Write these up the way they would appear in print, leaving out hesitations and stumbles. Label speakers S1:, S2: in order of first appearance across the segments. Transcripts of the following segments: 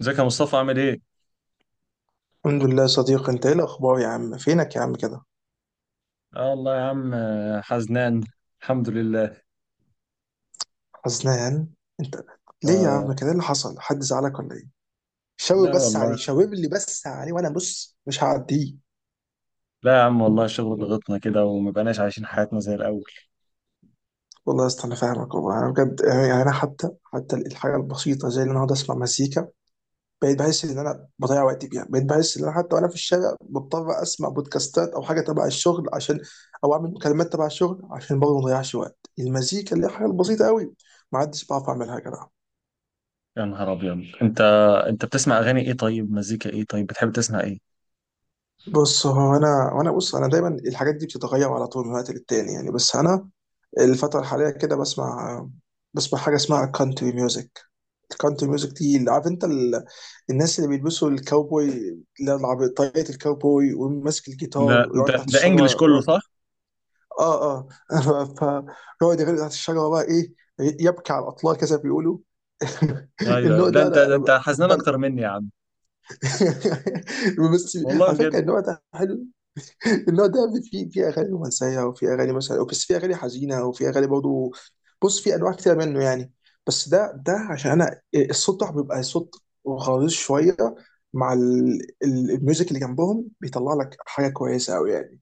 S1: ازيك يا مصطفى؟ عامل ايه؟
S2: الحمد لله يا صديقي، انت ايه الاخبار يا عم؟ فينك يا عم كده؟
S1: اه والله يا عم، حزنان. الحمد لله.
S2: حزنان انت؟ ليه يا عم
S1: آه.
S2: كده؟ ايه اللي حصل؟ حد زعلك ولا ايه؟ شاور
S1: لا
S2: بس عليه،
S1: والله.
S2: شاور لي بس عليه، وانا بص مش هعديه.
S1: لا يا عم والله، الشغل ضغطنا كده وما بقناش عايشين حياتنا زي الاول.
S2: والله يا اسطى انا فاهمك والله. انا بجد يعني انا حتى الحاجه البسيطه زي ان انا اقعد اسمع مزيكا. بقيت بحس ان انا بضيع وقتي بيها. بقيت بحس ان انا حتى وانا في الشارع بضطر اسمع بودكاستات او حاجه تبع الشغل، عشان او اعمل مكالمات تبع الشغل عشان برضه ما اضيعش وقت، المزيكا اللي هي حاجه بسيطه قوي. ما عدتش بعرف اعملها يا جدع.
S1: يا نهار ابيض انت! انت بتسمع اغاني ايه؟ طيب مزيكا ايه؟ طيب بتحب تسمع ايه؟
S2: بص، هو انا وانا بص، انا دايما الحاجات دي بتتغير على طول من وقت للتاني يعني. بس انا الفتره الحاليه كده بسمع حاجه اسمها كانتري ميوزك. الكانتري ميوزك دي، اللي عارف انت الناس اللي بيلبسوا الكاوبوي، اللي هو طاقية الكاوبوي وماسك
S1: ده
S2: الجيتار ويقعد
S1: ده
S2: تحت
S1: ده انجلش
S2: الشجره،
S1: كله،
S2: يقعد.
S1: صح؟
S2: اه، اه. فيقعد يغني تحت الشجره بقى ايه، يبكي على الاطلال كذا بيقولوا.
S1: ايوه، أيوة.
S2: النوع
S1: ده
S2: ده
S1: انت
S2: انا
S1: ده
S2: انا
S1: انت حزنان
S2: ده.
S1: اكتر مني يا عم.
S2: بس.
S1: والله
S2: على فكره،
S1: بجد.
S2: النوع ده حلو. النوع ده يا ابني في اغاني رومانسيه، وفي اغاني مثلا، بس في اغاني حزينه، وفي اغاني برضه. بص، في انواع كتير منه يعني. بس ده عشان انا الصوت بتاعه بيبقى صوت غليظ شويه، مع الميوزك اللي جنبهم بيطلع لك حاجه كويسه قوي يعني.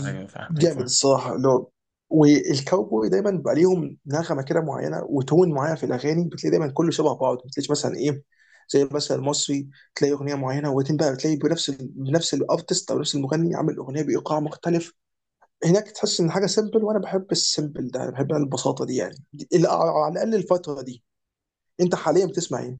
S1: ايوه فاهمك،
S2: جامد
S1: فاهم.
S2: الصراحه لو. والكاوبوي دايما بقى ليهم نغمه كده معينه وتون معين في الاغاني. بتلاقي دايما كله شبه بعض، ما بتلاقيش مثلا ايه زي مثلا المصري، تلاقي اغنيه معينه وبعدين بقى بتلاقي بنفس الارتست او نفس المغني عامل اغنيه بايقاع مختلف. هناك تحس ان حاجه سيمبل، وانا بحب السيمبل ده، انا بحب البساطه دي يعني، على الاقل الفتره دي. انت حاليا بتسمع ايه؟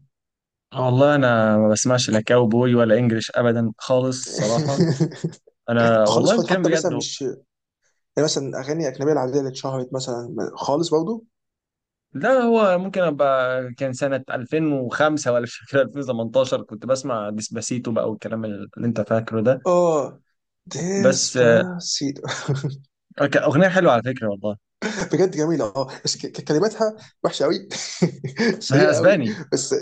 S1: والله انا ما بسمعش لا كاوبوي ولا انجلش ابدا خالص، صراحة. انا
S2: خالص
S1: والله
S2: خالص،
S1: كان
S2: حتى مثلا
S1: بجد.
S2: مش يعني، مثلا اغاني اجنبيه العاديه اللي اتشهرت مثلا، خالص برضه.
S1: لا هو ممكن ابقى كان سنة 2005 ولا مش فاكر 2018، كنت بسمع ديسباسيتو بقى والكلام اللي انت فاكره ده.
S2: اه،
S1: بس.
S2: ديسباسيتو.
S1: كان اغنية حلوة على فكرة والله.
S2: بجد جميلة اه، بس كلماتها وحشة قوي.
S1: ما هي
S2: سيئة قوي.
S1: اسباني.
S2: بس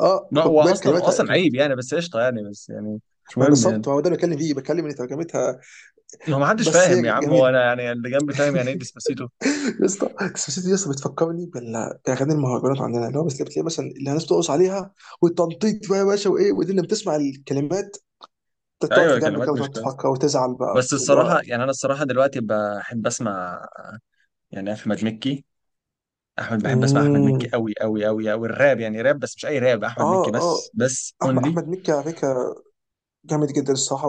S2: اه
S1: ما هو
S2: بجد
S1: اصلا،
S2: كلماتها.
S1: عيب يعني، بس قشطة يعني، بس يعني. مش
S2: ما انا
S1: مهم
S2: صبت،
S1: يعني.
S2: ما هو ده اللي بتكلم فيه، بتكلم ان ترجمتها.
S1: هو ما حدش
S2: بس
S1: فاهم يا
S2: هي
S1: عم. هو
S2: جميلة.
S1: انا يعني اللي جنبي فاهم يعني ايه ديسباسيتو.
S2: يا اسطى ديسباسيتو، يا اسطى بتفكرني باغاني المهرجانات عندنا، اللي هو بس بتلاقي مثلا اللي الناس بترقص عليها والتنطيط بقى يا باشا، وايه ودي اللي بتسمع الكلمات تقعد
S1: ايوه،
S2: في جنبك كده
S1: كلمات مش
S2: وتقعد
S1: كويسة.
S2: تفكر وتزعل بقى
S1: بس
S2: اللي
S1: الصراحة
S2: هو.
S1: يعني انا الصراحة دلوقتي بحب اسمع، يعني احمد مكي. بحب اسمع احمد مكي
S2: مم.
S1: قوي قوي قوي قوي، الراب يعني، راب بس مش اي راب، احمد مكي
S2: اه،
S1: بس
S2: اه.
S1: بس
S2: احمد
S1: اونلي.
S2: احمد مكي على فكرة، جامد جدا الصراحه.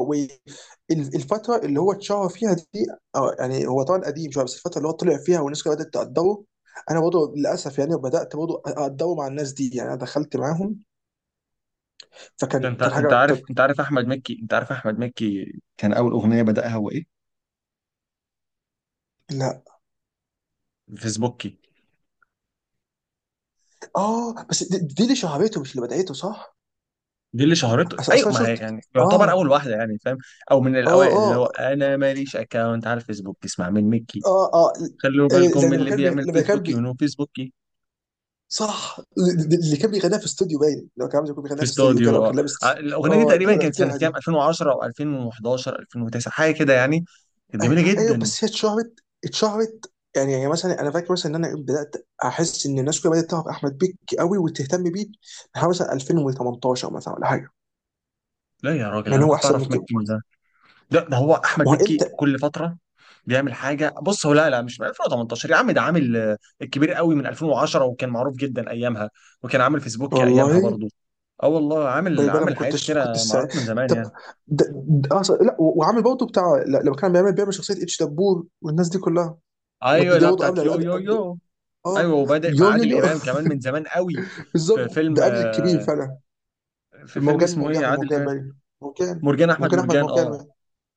S2: والفتره اللي هو اتشهر فيها دي، يعني هو طبعا قديم شويه، بس الفتره اللي هو طلع فيها والناس كلها بدات تقدره، انا برضه للاسف يعني بدات برضه اقدره مع الناس دي يعني، انا دخلت معاهم.
S1: ده
S2: فكان
S1: انت
S2: كان
S1: انت
S2: حاجه
S1: عارف؟
S2: كانت.
S1: انت عارف احمد مكي، انت عارف احمد مكي كان اول اغنيه بدأها هو ايه؟
S2: لا.
S1: فيسبوكي.
S2: اه، بس دي اللي شهرته مش اللي بدايته صح؟
S1: دي اللي شهرته،
S2: اصل
S1: ايوه،
S2: انا
S1: ما
S2: شفت.
S1: هي يعني يعتبر
S2: اه،
S1: اول واحده يعني، فاهم. او من
S2: اه،
S1: الاوائل. اللي هو
S2: اه،
S1: انا ماليش اكاونت على الفيسبوك، اسمع من مكي.
S2: اه، اه.
S1: خلوا بالكم
S2: ده
S1: من اللي بيعمل
S2: لما كان
S1: فيسبوكي
S2: بي...
S1: ونو فيسبوكي.
S2: صح. اللي كان بيغنيها في استوديو باين، لما كان عامل زي يكون
S1: في
S2: بيغنيها في استوديو كده
S1: استوديو.
S2: وكان لابس.
S1: الاغنيه دي
S2: اه، دي
S1: تقريبا
S2: انا
S1: كانت سنه
S2: فاكرها
S1: كام،
S2: دي.
S1: 2010 او 2011، 2009، حاجه كده يعني. كانت جميله
S2: ايوه،
S1: جدا.
S2: بس هي اتشهرت يعني مثلا انا فاكر مثلا ان انا بدات احس ان الناس كلها بدات تعرف احمد بيك قوي وتهتم بيه من مثلا 2018 مثلا، ولا حاجه،
S1: لا يا راجل
S2: مع ان
S1: انا
S2: هو
S1: كنت
S2: احسن من
S1: اعرف
S2: كده.
S1: مكي. ده هو احمد
S2: ما هو
S1: مكي
S2: انت.
S1: كل فتره بيعمل حاجه. بص هو لا لا مش من 2018 يا عم، ده عامل. الكبير قوي من 2010 وكان معروف جدا ايامها، وكان عامل فيسبوك ايامها
S2: والله.
S1: برضو. اه والله عامل،
S2: باي باي، ما
S1: حاجات
S2: كنتش ما كنتش
S1: كتيره، معروف من زمان
S2: طب،
S1: يعني.
S2: ده أصلا لا وعامل برضه بتاع لما كان بيعمل شخصيه اتش دبور والناس دي كلها. ما دي
S1: ايوه،
S2: دي
S1: لا
S2: برضه
S1: بتاعت
S2: قبل
S1: يو
S2: قبل
S1: يو
S2: قبل.
S1: يو.
S2: اه.
S1: ايوه وبادئ مع
S2: يو يو
S1: عادل
S2: يو.
S1: امام كمان من زمان قوي. في
S2: بالظبط،
S1: فيلم
S2: ده قبل
S1: آه،
S2: الكبير فعلا.
S1: في فيلم
S2: مرجان
S1: اسمه
S2: مرجان
S1: ايه
S2: احمد
S1: عادل
S2: مرجان،
S1: امام.
S2: باين مرجان.
S1: مرجان احمد
S2: مرجان احمد
S1: مرجان، اه.
S2: مرجان.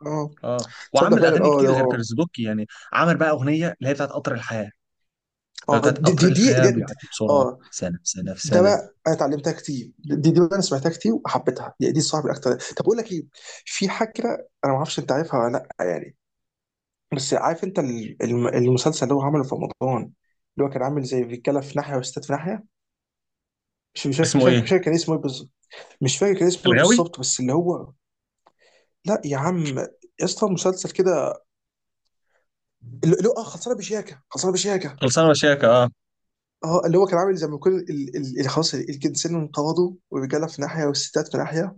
S2: اه.
S1: اه
S2: تصدق
S1: وعمل
S2: فعلا،
S1: اغاني
S2: اه ده
S1: كتير غير
S2: هو.
S1: فيسبوك يعني. عمل بقى اغنيه اللي هي بتاعت قطر الحياه. لو
S2: اه
S1: بتاعت
S2: دي
S1: قطر
S2: دي دي,
S1: الحياه،
S2: دي, دي
S1: بيعدي بسرعه،
S2: اه،
S1: سنه في سنه في
S2: ده بقى
S1: سنه.
S2: انا اتعلمتها كتير. دي انا سمعتها كتير وحبيتها. دي صعبه اكتر. طب اقول لك ايه، في حاجه. انا ما اعرفش انت عارفها ولا لا يعني، بس عارف انت المسلسل اللي هو عمله في رمضان، اللي هو كان عامل زي رجاله في ناحيه وستات في ناحيه. مش مش فاكر مش
S1: اسمه
S2: فاكر مش
S1: ايه؟
S2: فاكر كان اسمه ايه بالظبط. مش فاكر كان اسمه ايه
S1: الغاوي.
S2: بالظبط، بس اللي هو. لا يا عم. يا اسطى، مسلسل كده، اللي هو خلصانه بشياكه.
S1: خلصانه وشياكه، اه.
S2: اه، اللي هو كان عامل زي ما يكون اللي خلاص الجنسين انقرضوا، والرجاله في ناحيه والستات في ناحيه،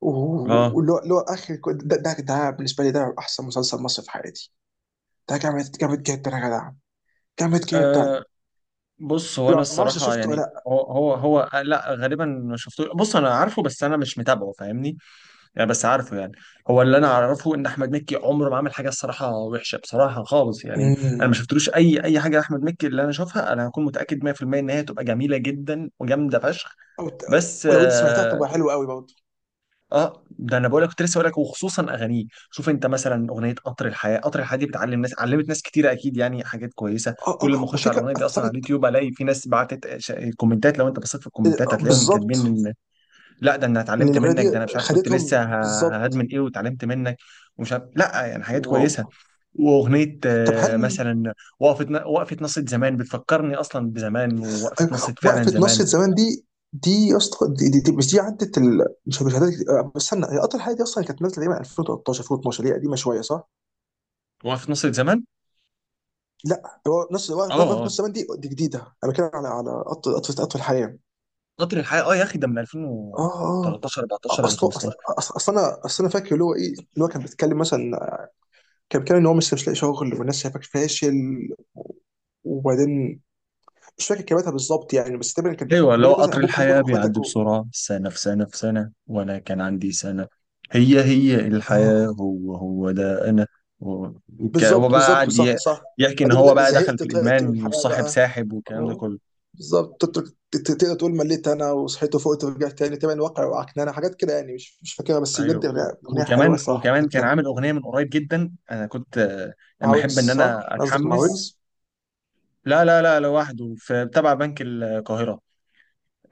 S1: اه.
S2: واللي هو ده بالنسبه لي، ده احسن مسلسل مصري في حياتي. ده جامد جامد جدا يا جدع، جامد جدا.
S1: آه، بص هو انا
S2: ما اعرفش إذا
S1: الصراحه
S2: شفته ولا
S1: يعني،
S2: لا.
S1: هو ، لا غالبا ما شفتوش. بص انا عارفه، بس انا مش متابعه فاهمني؟ يعني بس عارفه يعني. هو اللي انا اعرفه ان احمد مكي عمره ما عمل حاجه، الصراحه وحشه، بصراحه خالص يعني. انا ما
S2: أمم.
S1: شفتلوش اي حاجه لاحمد مكي، اللي انا اشوفها انا هكون متاكد 100% ان هي تبقى جميله جدا وجامده فشخ.
S2: أو ت-
S1: بس
S2: ولو انت سمعتها
S1: آه،
S2: تبقى حلوه قوي برضه.
S1: اه ده انا بقول لك، كنت لسه بقول لك وخصوصا اغانيه. شوف انت مثلا اغنيه قطر الحياه، دي بتعلم ناس، علمت ناس كتير اكيد يعني، حاجات كويسه.
S2: اه،
S1: كل ما
S2: اه،
S1: اخش على
S2: وفكره
S1: الاغنيه دي اصلا على
S2: اثرت.
S1: اليوتيوب الاقي في ناس بعتت ش- كومنتات. لو انت بصيت في الكومنتات هتلاقيهم
S2: بالظبط.
S1: كاتبين ان... لا ده انا
S2: ان
S1: اتعلمت
S2: الاغنيه
S1: منك،
S2: دي
S1: ده انا مش عارف كنت
S2: خدتهم
S1: لسه
S2: بالظبط.
S1: هدمن ايه، واتعلمت منك. ومش عارف، لا يعني حاجات
S2: واو.
S1: كويسه. واغنيه
S2: طب
S1: آه،
S2: هل.
S1: مثلا وقفه نصة زمان بتفكرني اصلا بزمان. ووقفه نصة
S2: أيوة،
S1: فعلا
S2: وقفه
S1: زمان.
S2: نصره زمان دي، دي يا اسطى دي مش دي عدت مش عدت، بس استنى. هي اطول حاجه دي اصلا كانت نازله تقريبا 2013 2012، دي قديمه شويه صح؟
S1: وقفه نصة زمان،
S2: لا، هو نص
S1: اه
S2: وقفة
S1: آه،
S2: نص زمان. دي جديده. انا بتكلم على اطول اطول اطول حياه.
S1: قطر الحياة، اه يا اخي ده من
S2: اه، اه.
S1: 2013، 14 ولا
S2: اصل اصل
S1: 15.
S2: اصل أصل انا فاكر اللي هو ايه، اللي هو كان بيتكلم مثلا، كان بيتكلم ان هو مش لاقي شغل، والناس شايفاك فاشل. وبعدين مش فاكر كلماتها بالظبط يعني، بس تقريبا كان
S1: ايوه اللي
S2: بيقول
S1: هو
S2: لك مثلا
S1: قطر
S2: ابوك
S1: الحياة،
S2: وامك
S1: بيعدي
S2: واخواتك
S1: بسرعة سنة في سنة في سنة، وانا كان عندي سنة. هي الحياة،
S2: آه.
S1: هو ده انا. و- هو
S2: بالظبط،
S1: بقى
S2: بالظبط،
S1: قاعد
S2: صح، صح.
S1: يحكي ان
S2: بعدين بيقول
S1: هو
S2: لك
S1: بقى دخل
S2: زهقت،
S1: في
S2: طهقت
S1: الادمان
S2: من الحياه
S1: والصاحب
S2: بقى.
S1: ساحب والكلام ده
S2: اه،
S1: كله.
S2: بالظبط، تقدر تقول مليت، انا وصحيت وفقت ورجعت تاني تبع الواقع، وعكنانه حاجات كده يعني. مش فاكرها، بس بجد
S1: ايوه، و-
S2: أغنية حلوه، صح
S1: وكمان
S2: كانت
S1: كان
S2: كانت
S1: عامل اغنية من قريب جدا. انا كنت.
S2: مع
S1: اما
S2: ويجز
S1: احب ان
S2: صح
S1: انا
S2: قصدك؟ مع
S1: اتحمس.
S2: ويجز.
S1: لا لا لا، لوحده في تبع بنك القاهرة.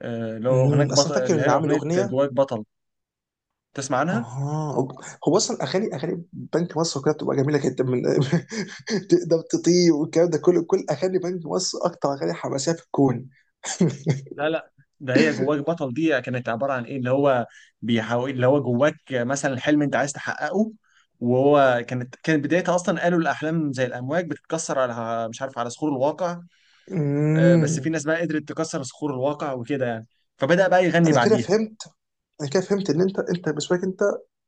S1: اللي هو اغنية
S2: اصلا
S1: بطل،
S2: فاكر
S1: اللي
S2: ان
S1: هي
S2: عامل
S1: اغنية
S2: اغنيه.
S1: جواك بطل. تسمع عنها؟
S2: اها. هو اصلا اغاني بنك مصر كده بتبقى جميله جدا من. تقدر تطير والكلام ده كله. كل اغاني بنك مصر اكتر اغاني حماسيه في الكون.
S1: لا. لا ده هي جواك بطل دي كانت عبارة عن ايه، اللي هو بيحاول اللي هو جواك مثلا، الحلم انت عايز تحققه. وهو كانت بدايتها اصلا، قالوا الاحلام زي الامواج بتتكسر على، مش عارف، على صخور الواقع. بس في
S2: امم.
S1: ناس بقى قدرت تكسر صخور الواقع وكده يعني. فبدأ بقى يغني
S2: انا كده
S1: بعديها.
S2: فهمت. انا كده فهمت ان انت بالنسبه لك انت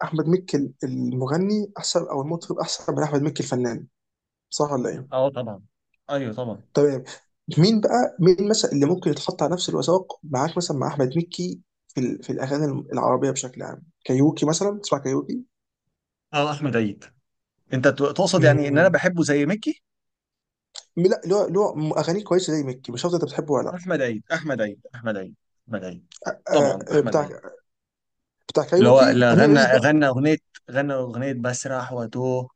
S2: احمد مكي المغني احسن او المطرب احسن من احمد مكي الفنان. صح ولا ايه؟
S1: اه طبعا. ايوه طبعا.
S2: تمام. مين بقى، مين مثلا اللي ممكن يتحط على نفس الوثائق معاك، مثلا مع احمد مكي، في في الاغاني العربيه بشكل عام. كايروكي مثلا، تسمع كايروكي؟
S1: اه احمد عيد. انت تقصد يعني ان انا
S2: امم
S1: بحبه زي ميكي.
S2: لا، اللي هو اغانيه كويسه زي مكي، مش عارف انت بتحبه ولا لا.
S1: احمد عيد، احمد عيد، احمد عيد، احمد عيد. احمد عيد.
S2: آه،
S1: طبعا
S2: آه،
S1: احمد
S2: بتاع
S1: عيد.
S2: بتاع
S1: اللي هو
S2: كايروكي،
S1: اللي
S2: امير
S1: غنى،
S2: عيد بقى.
S1: غنى اغنيه، غنى اغنيه بسرح واتوه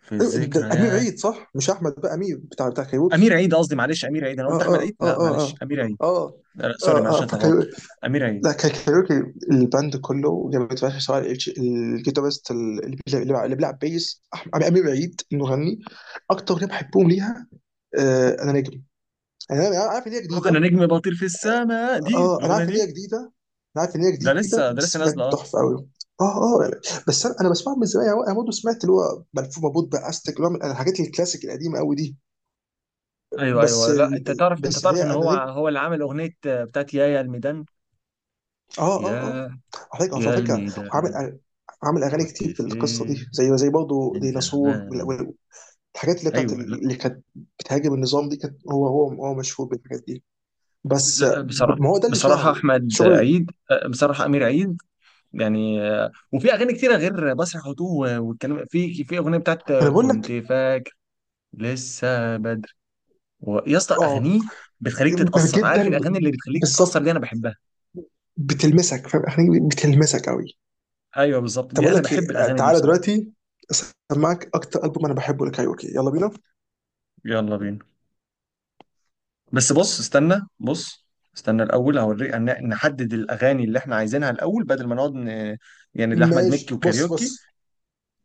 S1: في
S2: أيوة، ده امير
S1: الذكريات.
S2: عيد صح، مش احمد بقى، امير بتاع
S1: امير
S2: كايروكي.
S1: عيد قصدي، معلش، امير عيد. انا
S2: اه،
S1: قلت احمد
S2: اه،
S1: عيد، لا
S2: اه،
S1: معلش،
S2: اه،
S1: امير عيد.
S2: اه،
S1: لا لا، سوري معلش
S2: اه،
S1: أنا اتلخبطت.
S2: اه.
S1: امير
S2: لا،
S1: عيد.
S2: كان كايروكي. الباند كله جابت فشخ، سواء الجيتارست، اللي بيلعب بيس، امير عيد المغني. اكتر اغنيه بحبهم ليها آه انا نجم. يعني انا عارف ان هي
S1: انا
S2: جديده.
S1: نجم بطير في السماء، دي
S2: اه، انا
S1: الاغنيه
S2: عارف ان
S1: دي.
S2: هي جديده. انا عارف ان هي
S1: ده لسه
S2: جديده،
S1: ده لسه
S2: بس
S1: نازله،
S2: بجد
S1: اه.
S2: تحفه قوي. اه، اه، يعني، بس انا بسمعها من زمان يعني. انا برضه سمعت اللي هو ملفوف مربوط باستك، اللي هو من الحاجات الكلاسيك القديمه قوي دي.
S1: ايوه،
S2: بس
S1: ايوه، لا
S2: ال-
S1: انت
S2: ال-
S1: تعرف، انت
S2: بس اللي
S1: تعرف
S2: هي
S1: ان
S2: انا
S1: هو
S2: نجم.
S1: هو اللي عامل اغنيه بتاعت يا، الميدان.
S2: اه، اه، اه.
S1: يا
S2: على فكره على
S1: يا
S2: فكره
S1: الميدان
S2: وعامل، عامل اغاني
S1: كنت
S2: كتير في القصه
S1: فين
S2: دي، زي برضه
S1: من
S2: ديناصور
S1: زمان؟
S2: الحاجات اللي بتاعت
S1: ايوه، لا,
S2: اللي كانت بتهاجم النظام دي كانت. هو مشهور بالحاجات دي. بس
S1: لا بصراحه،
S2: ما هو ده اللي
S1: بصراحه
S2: شهره
S1: احمد
S2: شغل
S1: عيد، بصراحه امير عيد يعني، وفي اغاني كتيره غير مسرح وتوه، والكلام في اغنيه بتاعت،
S2: انا بقول
S1: كنت
S2: لك.
S1: فاكر لسه بدري. يا اسطى
S2: اه،
S1: اغانيه بتخليك تتاثر، عارف
S2: جدا،
S1: الاغاني اللي بتخليك تتاثر دي
S2: بالظبط.
S1: انا بحبها.
S2: بتلمسك، فاهم، اغاني بتلمسك قوي.
S1: ايوه بالظبط،
S2: طب
S1: دي
S2: اقول
S1: انا
S2: لك ايه،
S1: بحب الاغاني دي
S2: تعالى
S1: بصراحه.
S2: دلوقتي اسمعك اكتر البوم انا بحبه لكايروكي. يلا بينا.
S1: يلا بينا. بس بص، استنى بص، استنى الاول هوريك نحدد الاغاني اللي احنا عايزينها الاول، بدل ما نقعد ن... يعني لاحمد
S2: ماشي،
S1: مكي
S2: بص،
S1: وكاريوكي،
S2: بص.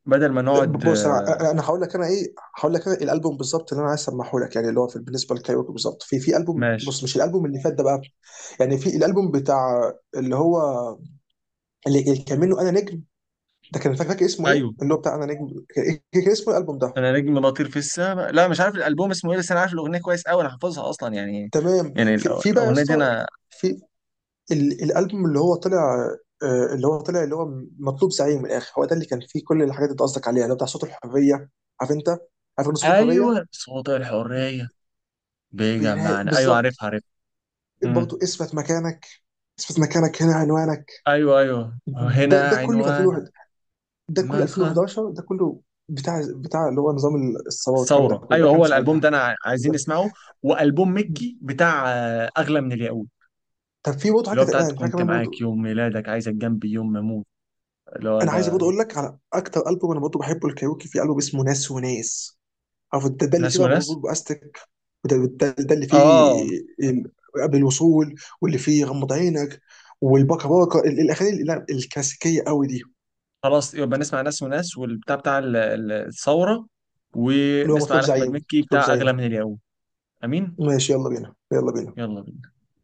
S1: بدل ما نقعد
S2: بص،
S1: آه،
S2: انا هقول لك انا ايه، هقول لك انا الالبوم بالظبط اللي انا عايز اسمعه لك يعني، اللي هو في بالنسبه للكايروكي بالظبط، في البوم،
S1: ماشي.
S2: بص مش الالبوم اللي فات ده بقى. يعني في الالبوم بتاع اللي هو، اللي كان منه انا نجم. ده كان فاكر اسمه ايه،
S1: ايوه،
S2: اللي هو بتاع انا نجم. كان كان اسمه الالبوم ده؟
S1: انا نجم بطير في السماء. لا مش عارف الالبوم اسمه ايه، بس انا عارف الاغنيه كويس قوي، انا حافظها اصلا يعني.
S2: تمام.
S1: يعني
S2: في بقى يا
S1: الاغنيه دي
S2: اسطى،
S1: انا.
S2: في الالبوم اللي هو طلع، اللي هو طلع اللي هو مطلوب زعيم. من الاخر هو ده اللي كان فيه كل الحاجات اللي انت قصدك عليها، اللي هو بتاع صوت الحريه. عارف انت؟ عارف ان صوت الحريه،
S1: ايوه صوت الحريه. بيجمعنا، ايوه
S2: بالظبط.
S1: عارفها، عارفها. مم.
S2: برضه اثبت مكانك، اثبت مكانك هنا عنوانك.
S1: ايوه ايوه،
S2: ده
S1: هنا
S2: ده كله في
S1: عنوان
S2: 2001، ده كله
S1: مدخل
S2: 2011، ده كله بتاع اللي هو نظام الثوره والكلام ده
S1: الثوره.
S2: كله. ده
S1: ايوه
S2: كان
S1: هو الالبوم
S2: ساعتها.
S1: ده انا عايزين
S2: ده-
S1: نسمعه. والبوم مكي بتاع، اغلى من الياقوت،
S2: طب في برضه حاجه
S1: اللي هو
S2: كانت
S1: بتاعت
S2: الان، في حاجه
S1: كنت
S2: كمان
S1: معاك
S2: برضه.
S1: يوم ميلادك، عايزك جنبي يوم ما اموت. اللي هو
S2: انا عايز برضه
S1: ده.
S2: اقول لك على اكتر البوم انا برضه بحبه الكايروكي، في البوم اسمه ناس وناس. عارف ده اللي
S1: ناس
S2: فيه بقى
S1: وناس.
S2: مربوط باستك، وده ده, ده اللي فيه
S1: اه.
S2: ال- قبل الوصول، واللي فيه غمض عينك، والباكا باكا الاغاني الكلاسيكيه قوي دي.
S1: خلاص، يبقى نسمع ناس وناس والبتاع بتاع الثورة.
S2: اللي هو
S1: ونسمع
S2: مطلوب
S1: على أحمد
S2: زعيم،
S1: مكي
S2: مطلوب
S1: بتاع أغلى
S2: زعيم.
S1: من اليوم. أمين.
S2: ماشي، يلا بينا، يلا بينا.
S1: يلا بينا.